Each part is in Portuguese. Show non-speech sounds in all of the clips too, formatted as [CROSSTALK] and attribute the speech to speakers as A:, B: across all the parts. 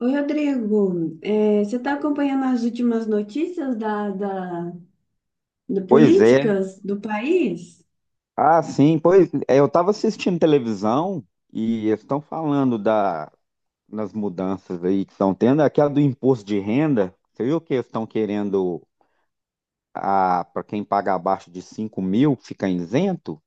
A: Oi, Rodrigo. Você está acompanhando as últimas notícias da, da, da
B: Pois é.
A: políticas do país?
B: Ah, sim, pois é, eu estava assistindo televisão e eles estão falando das mudanças aí que estão tendo, aquela do imposto de renda. Você viu que eles estão querendo a para quem paga abaixo de 5.000 fica isento?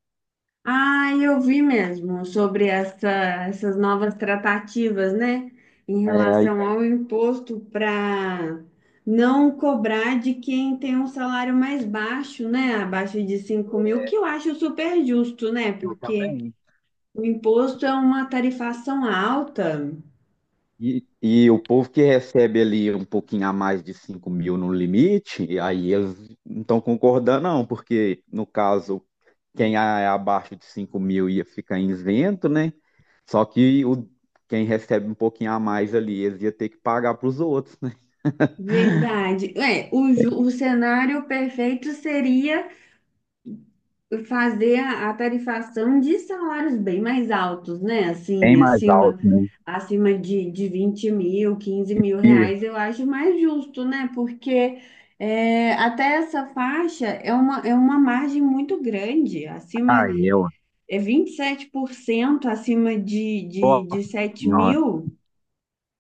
A: Ah, eu vi mesmo sobre essas novas tratativas, né? Em
B: É, aí,
A: relação
B: aí
A: ao imposto para não cobrar de quem tem um salário mais baixo, né? Abaixo de 5.000, que eu acho super justo, né?
B: eu
A: Porque
B: também.
A: o imposto é uma tarifação alta.
B: E o povo que recebe ali um pouquinho a mais de 5.000 no limite, aí eles não estão concordando, não, porque no caso, quem é abaixo de 5.000 ia ficar isento, né? Só que o, Quem recebe um pouquinho a mais ali, eles ia ter que pagar para os outros, né?
A: Verdade. O cenário perfeito seria fazer a tarifação de salários bem mais altos, né?
B: Bem
A: Assim,
B: mais
A: acima,
B: alto, né?
A: acima de 20.000, quinze mil
B: E,
A: reais, eu acho mais justo, né? Porque é, até essa faixa é é uma margem muito grande,
B: ah,
A: acima
B: eu,
A: é 27% acima de, de,
B: Nossa
A: de 7
B: senhora.
A: mil.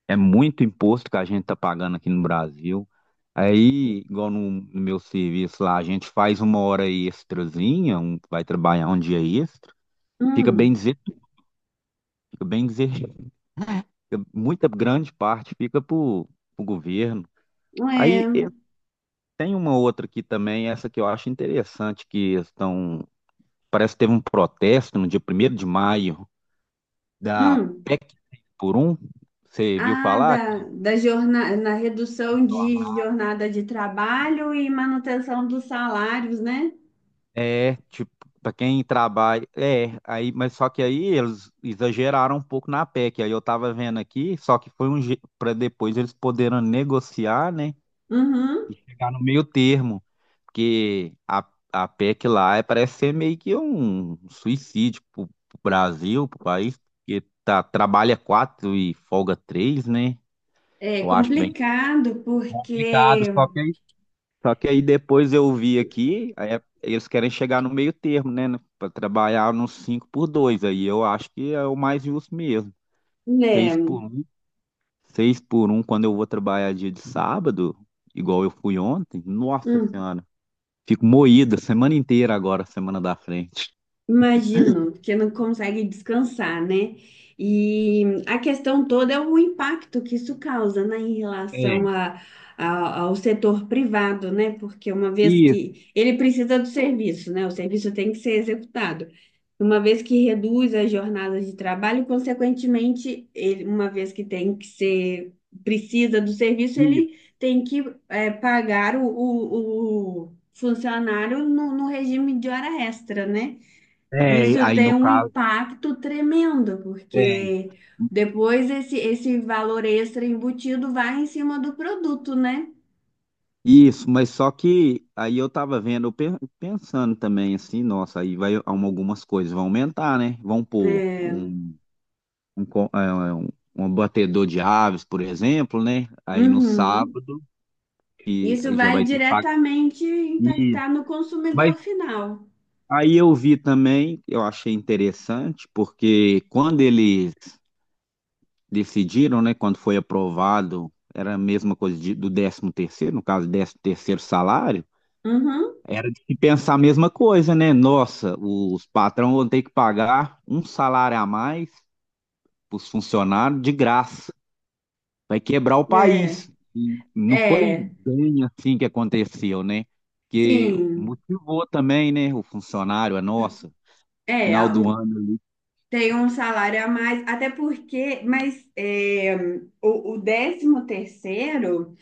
B: É muito imposto que a gente tá pagando aqui no Brasil. Aí, igual no meu serviço lá, a gente faz uma hora extrazinha, vai trabalhar um dia extra. Fica bem
A: Hum,
B: dizer, fica bem dizer, fica- Muita grande parte fica para o governo. Aí
A: é.
B: tem uma outra aqui também, essa que eu acho interessante, que estão, parece que teve um protesto no dia 1º de maio da
A: Hum.
B: PEC por um. Você viu
A: Ah,
B: falar?
A: da jornada, na redução de jornada de trabalho e manutenção dos salários, né?
B: É, tipo, para quem trabalha, é, aí, mas só que aí eles exageraram um pouco na PEC, aí eu tava vendo aqui, só que foi um para depois eles poderem negociar, né, e
A: Uhum.
B: chegar no meio termo, porque a PEC lá parece ser meio que um suicídio pro Brasil, pro país, porque tá, trabalha 4 e folga 3, né,
A: É
B: eu acho bem
A: complicado,
B: complicado,
A: porque,
B: só que aí depois eu vi aqui, aí eles querem chegar no meio termo, né? Para trabalhar nos 5x2. Aí eu acho que é o mais justo mesmo. Seis
A: né?
B: por 1, 6 por um quando eu vou trabalhar dia de sábado, igual eu fui ontem. Nossa
A: Hum.
B: Senhora, fico moída semana inteira agora, semana da frente.
A: Imagino, porque não consegue descansar, né? E a questão toda é o impacto que isso causa, né, em relação
B: É,
A: a- ao setor privado, né? Porque uma vez
B: isso,
A: que ele precisa do serviço, né? O serviço tem que ser executado. Uma vez que reduz as jornadas de trabalho, consequentemente, ele, uma vez que tem que ser, precisa do serviço,
B: isso.
A: ele tem que pagar o funcionário no regime de hora extra, né?
B: É,
A: Isso
B: aí
A: tem
B: no
A: um
B: caso,
A: impacto tremendo,
B: é.
A: porque depois esse valor extra embutido vai em cima do produto, né?
B: Isso, mas só que aí eu tava vendo, pensando também assim, nossa, aí vai algumas coisas vão aumentar, né? Vão pôr
A: É.
B: um, co- é, um, um batedor de aves, por exemplo, né? Aí no
A: Uhum.
B: sábado, que
A: Isso
B: já
A: vai
B: vai ter que pagar.
A: diretamente
B: E-
A: impactar no
B: Mas
A: consumidor final.
B: aí eu vi também, eu achei interessante, porque quando eles decidiram, né? Quando foi aprovado, era a mesma coisa do décimo terceiro, no caso, décimo terceiro salário.
A: Uhum.
B: Era de se pensar a mesma coisa, né? Nossa, os patrão vão ter que pagar um salário a mais para os funcionários de graça. Vai quebrar o
A: É,
B: país. E não foi
A: é,
B: bem assim que aconteceu, né? Que
A: sim,
B: motivou também, né? O funcionário, a nossa, no
A: é,
B: final
A: a-
B: do ano.
A: tem um salário a mais, até porque, mas é, o décimo terceiro.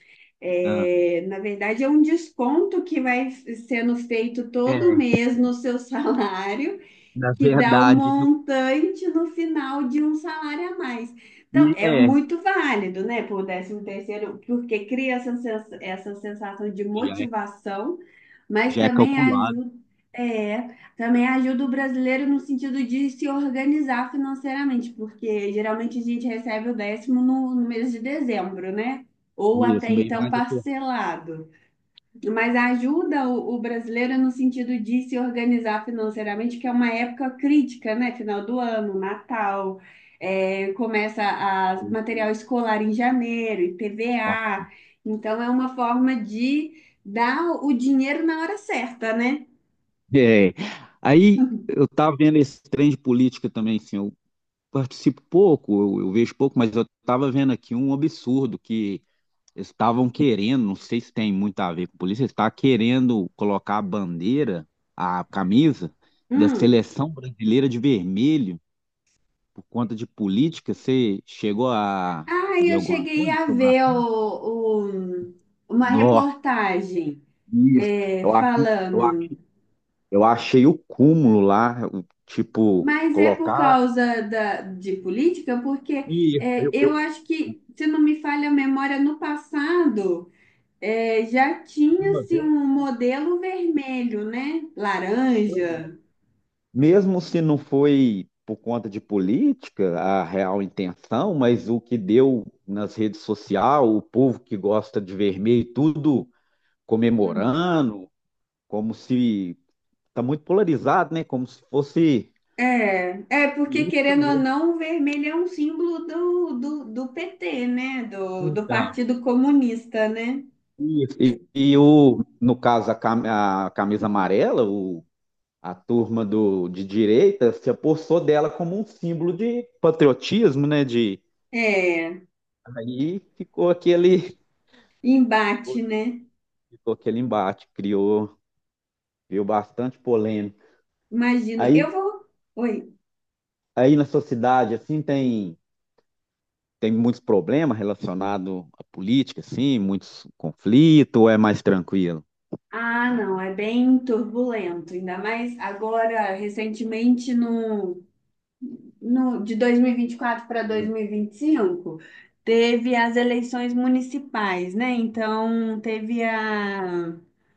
B: Ah,
A: É, na verdade, é um desconto que vai sendo feito todo
B: é,
A: mês no seu [LAUGHS] salário,
B: na
A: que dá o
B: verdade, no,
A: montante no final de um salário a mais. Então,
B: e
A: é
B: é,
A: muito válido, né, por décimo terceiro, porque cria essa sensação de
B: já é,
A: motivação, mas
B: já é
A: também
B: calculado
A: ajuda, é, também ajuda o brasileiro no sentido de se organizar financeiramente, porque geralmente a gente recebe o décimo no mês de dezembro, né? Ou até
B: mesmo, meio
A: então
B: mais apertado.
A: parcelado, mas ajuda o brasileiro no sentido de se organizar financeiramente, que é uma época crítica, né? Final do ano, Natal, é, começa a material escolar em janeiro, IPVA. Então, é uma forma de dar o dinheiro na hora certa, né?
B: É. Aí eu tava vendo esse trem de política também, assim, participo pouco, eu vejo pouco, mas eu estava vendo aqui um absurdo que eles estavam querendo, não sei se tem muito a ver com polícia, eles estavam querendo colocar a bandeira, a camisa da
A: Hum.
B: seleção brasileira de vermelho por conta de política. Você chegou a
A: Ah,
B: ver
A: eu
B: alguma
A: cheguei
B: coisa
A: a
B: sobre a
A: ver
B: coisa?
A: uma
B: Nossa,
A: reportagem
B: isso.
A: é,
B: Eu acho, eu
A: falando.
B: acho, eu achei o cúmulo lá, o tipo,
A: Mas é por
B: colocar.
A: causa de política, porque
B: Isso,
A: é, eu acho que, se não me falha a memória, no passado é, já
B: uma
A: tinha-se um modelo vermelho, né?
B: vez.
A: Laranja.
B: Mesmo se não foi por conta de política a real intenção, mas o que deu nas redes sociais, o povo que gosta de vermelho, tudo
A: Hum.
B: comemorando, como se está muito polarizado, né? Como se fosse
A: É, é porque,
B: política
A: querendo ou
B: mesmo.
A: não, o vermelho é um símbolo do PT, né? Do
B: Então,
A: Partido Comunista, né?
B: isso. E no caso, a camisa amarela, a turma de direita se apossou dela como um símbolo de patriotismo, né? De,
A: É,
B: aí ficou aquele
A: embate, né?
B: ficou aquele embate, criou bastante polêmica.
A: Imagino.
B: Aí,
A: Eu vou. Oi.
B: aí, na sua cidade, assim, tem muitos problemas relacionados à política, assim, muitos conflitos, ou é mais tranquilo?
A: Ah, não, é bem turbulento, ainda mais agora, recentemente, no, no, de 2024 para
B: Hum.
A: 2025, teve as eleições municipais, né? Então, teve a.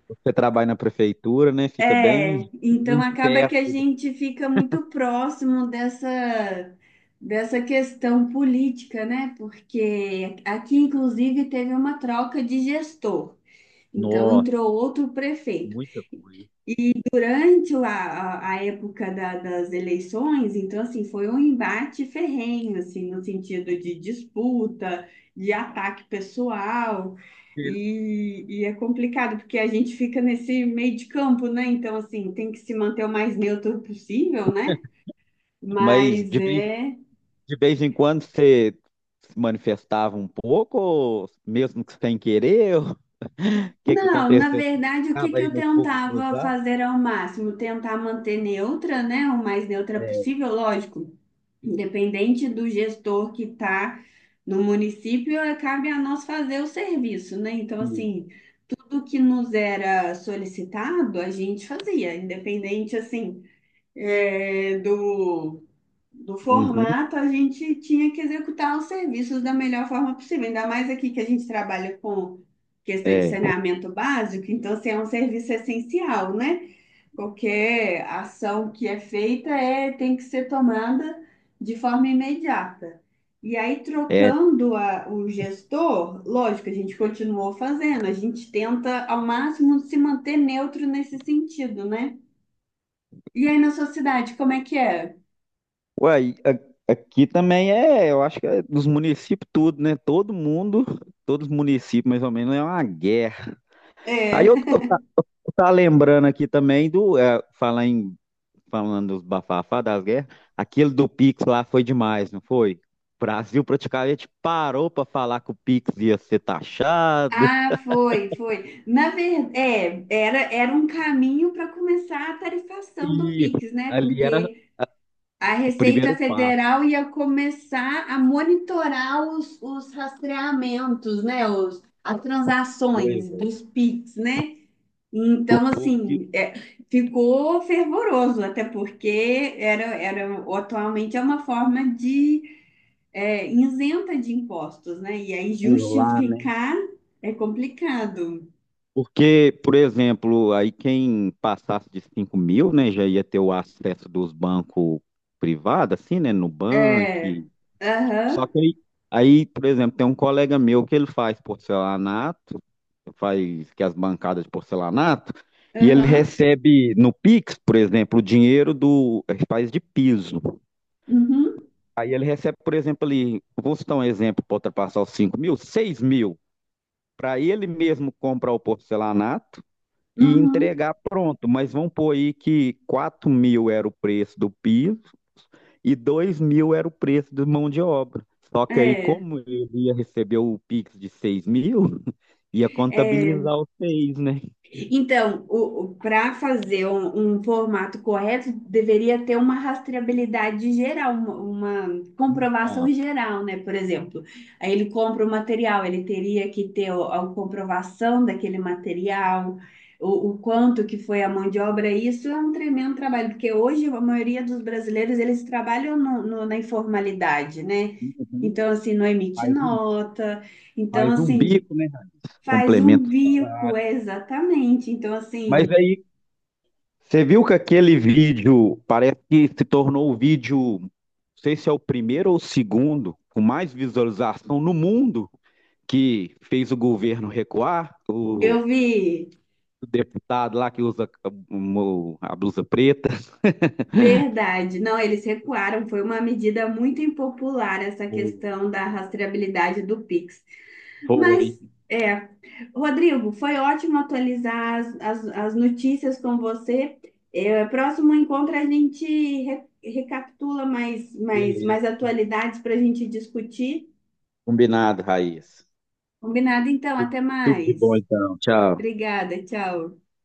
B: Você trabalha na prefeitura, né? Fica
A: É,
B: bem,
A: então
B: bem
A: acaba que a
B: perto.
A: gente fica muito próximo dessa questão política, né? Porque aqui, inclusive, teve uma troca de gestor, então
B: Nossa,
A: entrou outro prefeito
B: muita coisa.
A: durante a época das eleições. Então, assim, foi um embate ferrenho, assim, no sentido de disputa, de ataque pessoal, e é complicado, porque a gente fica nesse meio de campo, né? Então, assim, tem que se manter o mais neutro possível, né?
B: Mas
A: Mas
B: de vez,
A: é...
B: de vez em quando você se manifestava um pouco, ou mesmo que sem querer, ou o que que
A: Não, na
B: aconteceu?
A: verdade, o que
B: Estava
A: que
B: aí
A: eu
B: no fogo
A: tentava
B: cruzado?
A: fazer ao máximo? Tentar manter neutra, né? O mais neutra possível, lógico. Independente do gestor que está no município, eh, cabe a nós fazer o serviço, né? Então, assim, tudo que nos era solicitado, a gente fazia, independente, assim, eh, do, do
B: Uhum,
A: formato. A gente tinha que executar os serviços da melhor forma possível, ainda mais aqui que a gente trabalha com questão de
B: é.
A: saneamento básico. Então, assim, é um serviço essencial, né? Qualquer ação que é feita é, tem que ser tomada de forma imediata. E aí,
B: É,
A: trocando o gestor, lógico, a gente continuou fazendo, a gente tenta ao máximo se manter neutro nesse sentido, né? E aí, na sua cidade, como é que é?
B: uai, aqui também é, eu acho que é dos municípios tudo, né? Todo mundo, todos os municípios mais ou menos, é uma guerra. Aí
A: É.
B: eu, eu,
A: [LAUGHS]
B: tá, eu tá lembrando aqui também do, é, falar em, falando dos bafafá das guerras, aquele do Pix lá foi demais, não foi? O Brasil praticamente parou para falar que o Pix ia ser taxado.
A: Ah, foi, foi. Na verdade, era um caminho para começar a tarifação do
B: E
A: Pix, né?
B: ali era
A: Porque a
B: o
A: Receita
B: primeiro passo.
A: Federal ia começar a monitorar os rastreamentos, né? As
B: Pois
A: transações
B: é.
A: dos PIX, né?
B: O
A: Então,
B: povo que
A: assim, é, ficou fervoroso, até porque era atualmente é uma forma de é, isenta de impostos, né? E aí
B: burlava.
A: justificar é complicado.
B: Porque, por exemplo, aí quem passasse de 5.000, né, já ia ter o acesso dos bancos privados, assim, né, no
A: É,
B: Nubank. Só
A: aham,
B: que aí, por exemplo, tem um colega meu que ele faz porcelanato, faz que as bancadas de porcelanato, e ele
A: aham,
B: recebe no Pix, por exemplo, o dinheiro do, ele faz de piso.
A: uhum,
B: Aí ele recebe, por exemplo, ali, vou citar um exemplo para ultrapassar os 5.000, 6.000. Para ele mesmo comprar o porcelanato, e
A: uhum,
B: entregar pronto, mas vamos pôr aí que 4.000 era o preço do piso e 2.000 era o preço de mão de obra. Só que aí,
A: é,
B: como ele ia receber o Pix de 6.000, [LAUGHS] ia
A: é.
B: contabilizar os 6, né?
A: Então, para fazer um formato correto, deveria ter uma rastreabilidade geral, uma comprovação
B: Então,
A: geral, né? Por exemplo, aí ele compra o material, ele teria que ter a comprovação daquele material, o quanto que foi a mão de obra. Isso é um tremendo trabalho, porque hoje a maioria dos brasileiros, eles trabalham na informalidade, né? Então, assim, não emite
B: faz um,
A: nota. Então,
B: faz um
A: assim,
B: bico, né?
A: faz um
B: Complemento o
A: bico,
B: salário.
A: é, exatamente. Então,
B: Mas
A: assim,
B: aí, você viu que aquele vídeo parece que se tornou o vídeo, não sei se é o primeiro ou o segundo, com mais visualização no mundo que fez o governo recuar, o
A: eu vi,
B: deputado lá que usa blusa preta.
A: verdade. Não, eles recuaram. Foi uma medida muito impopular essa questão da rastreabilidade do Pix.
B: Foi,
A: Mas, é, Rodrigo, foi ótimo atualizar as notícias com você. É, próximo encontro a gente recapitula mais, mais,
B: beleza.
A: mais atualidades para a gente discutir.
B: Combinado, Raíssa.
A: Combinado, então.
B: Tudo,
A: Até
B: tudo de bom,
A: mais.
B: então. Tchau.
A: Obrigada, tchau.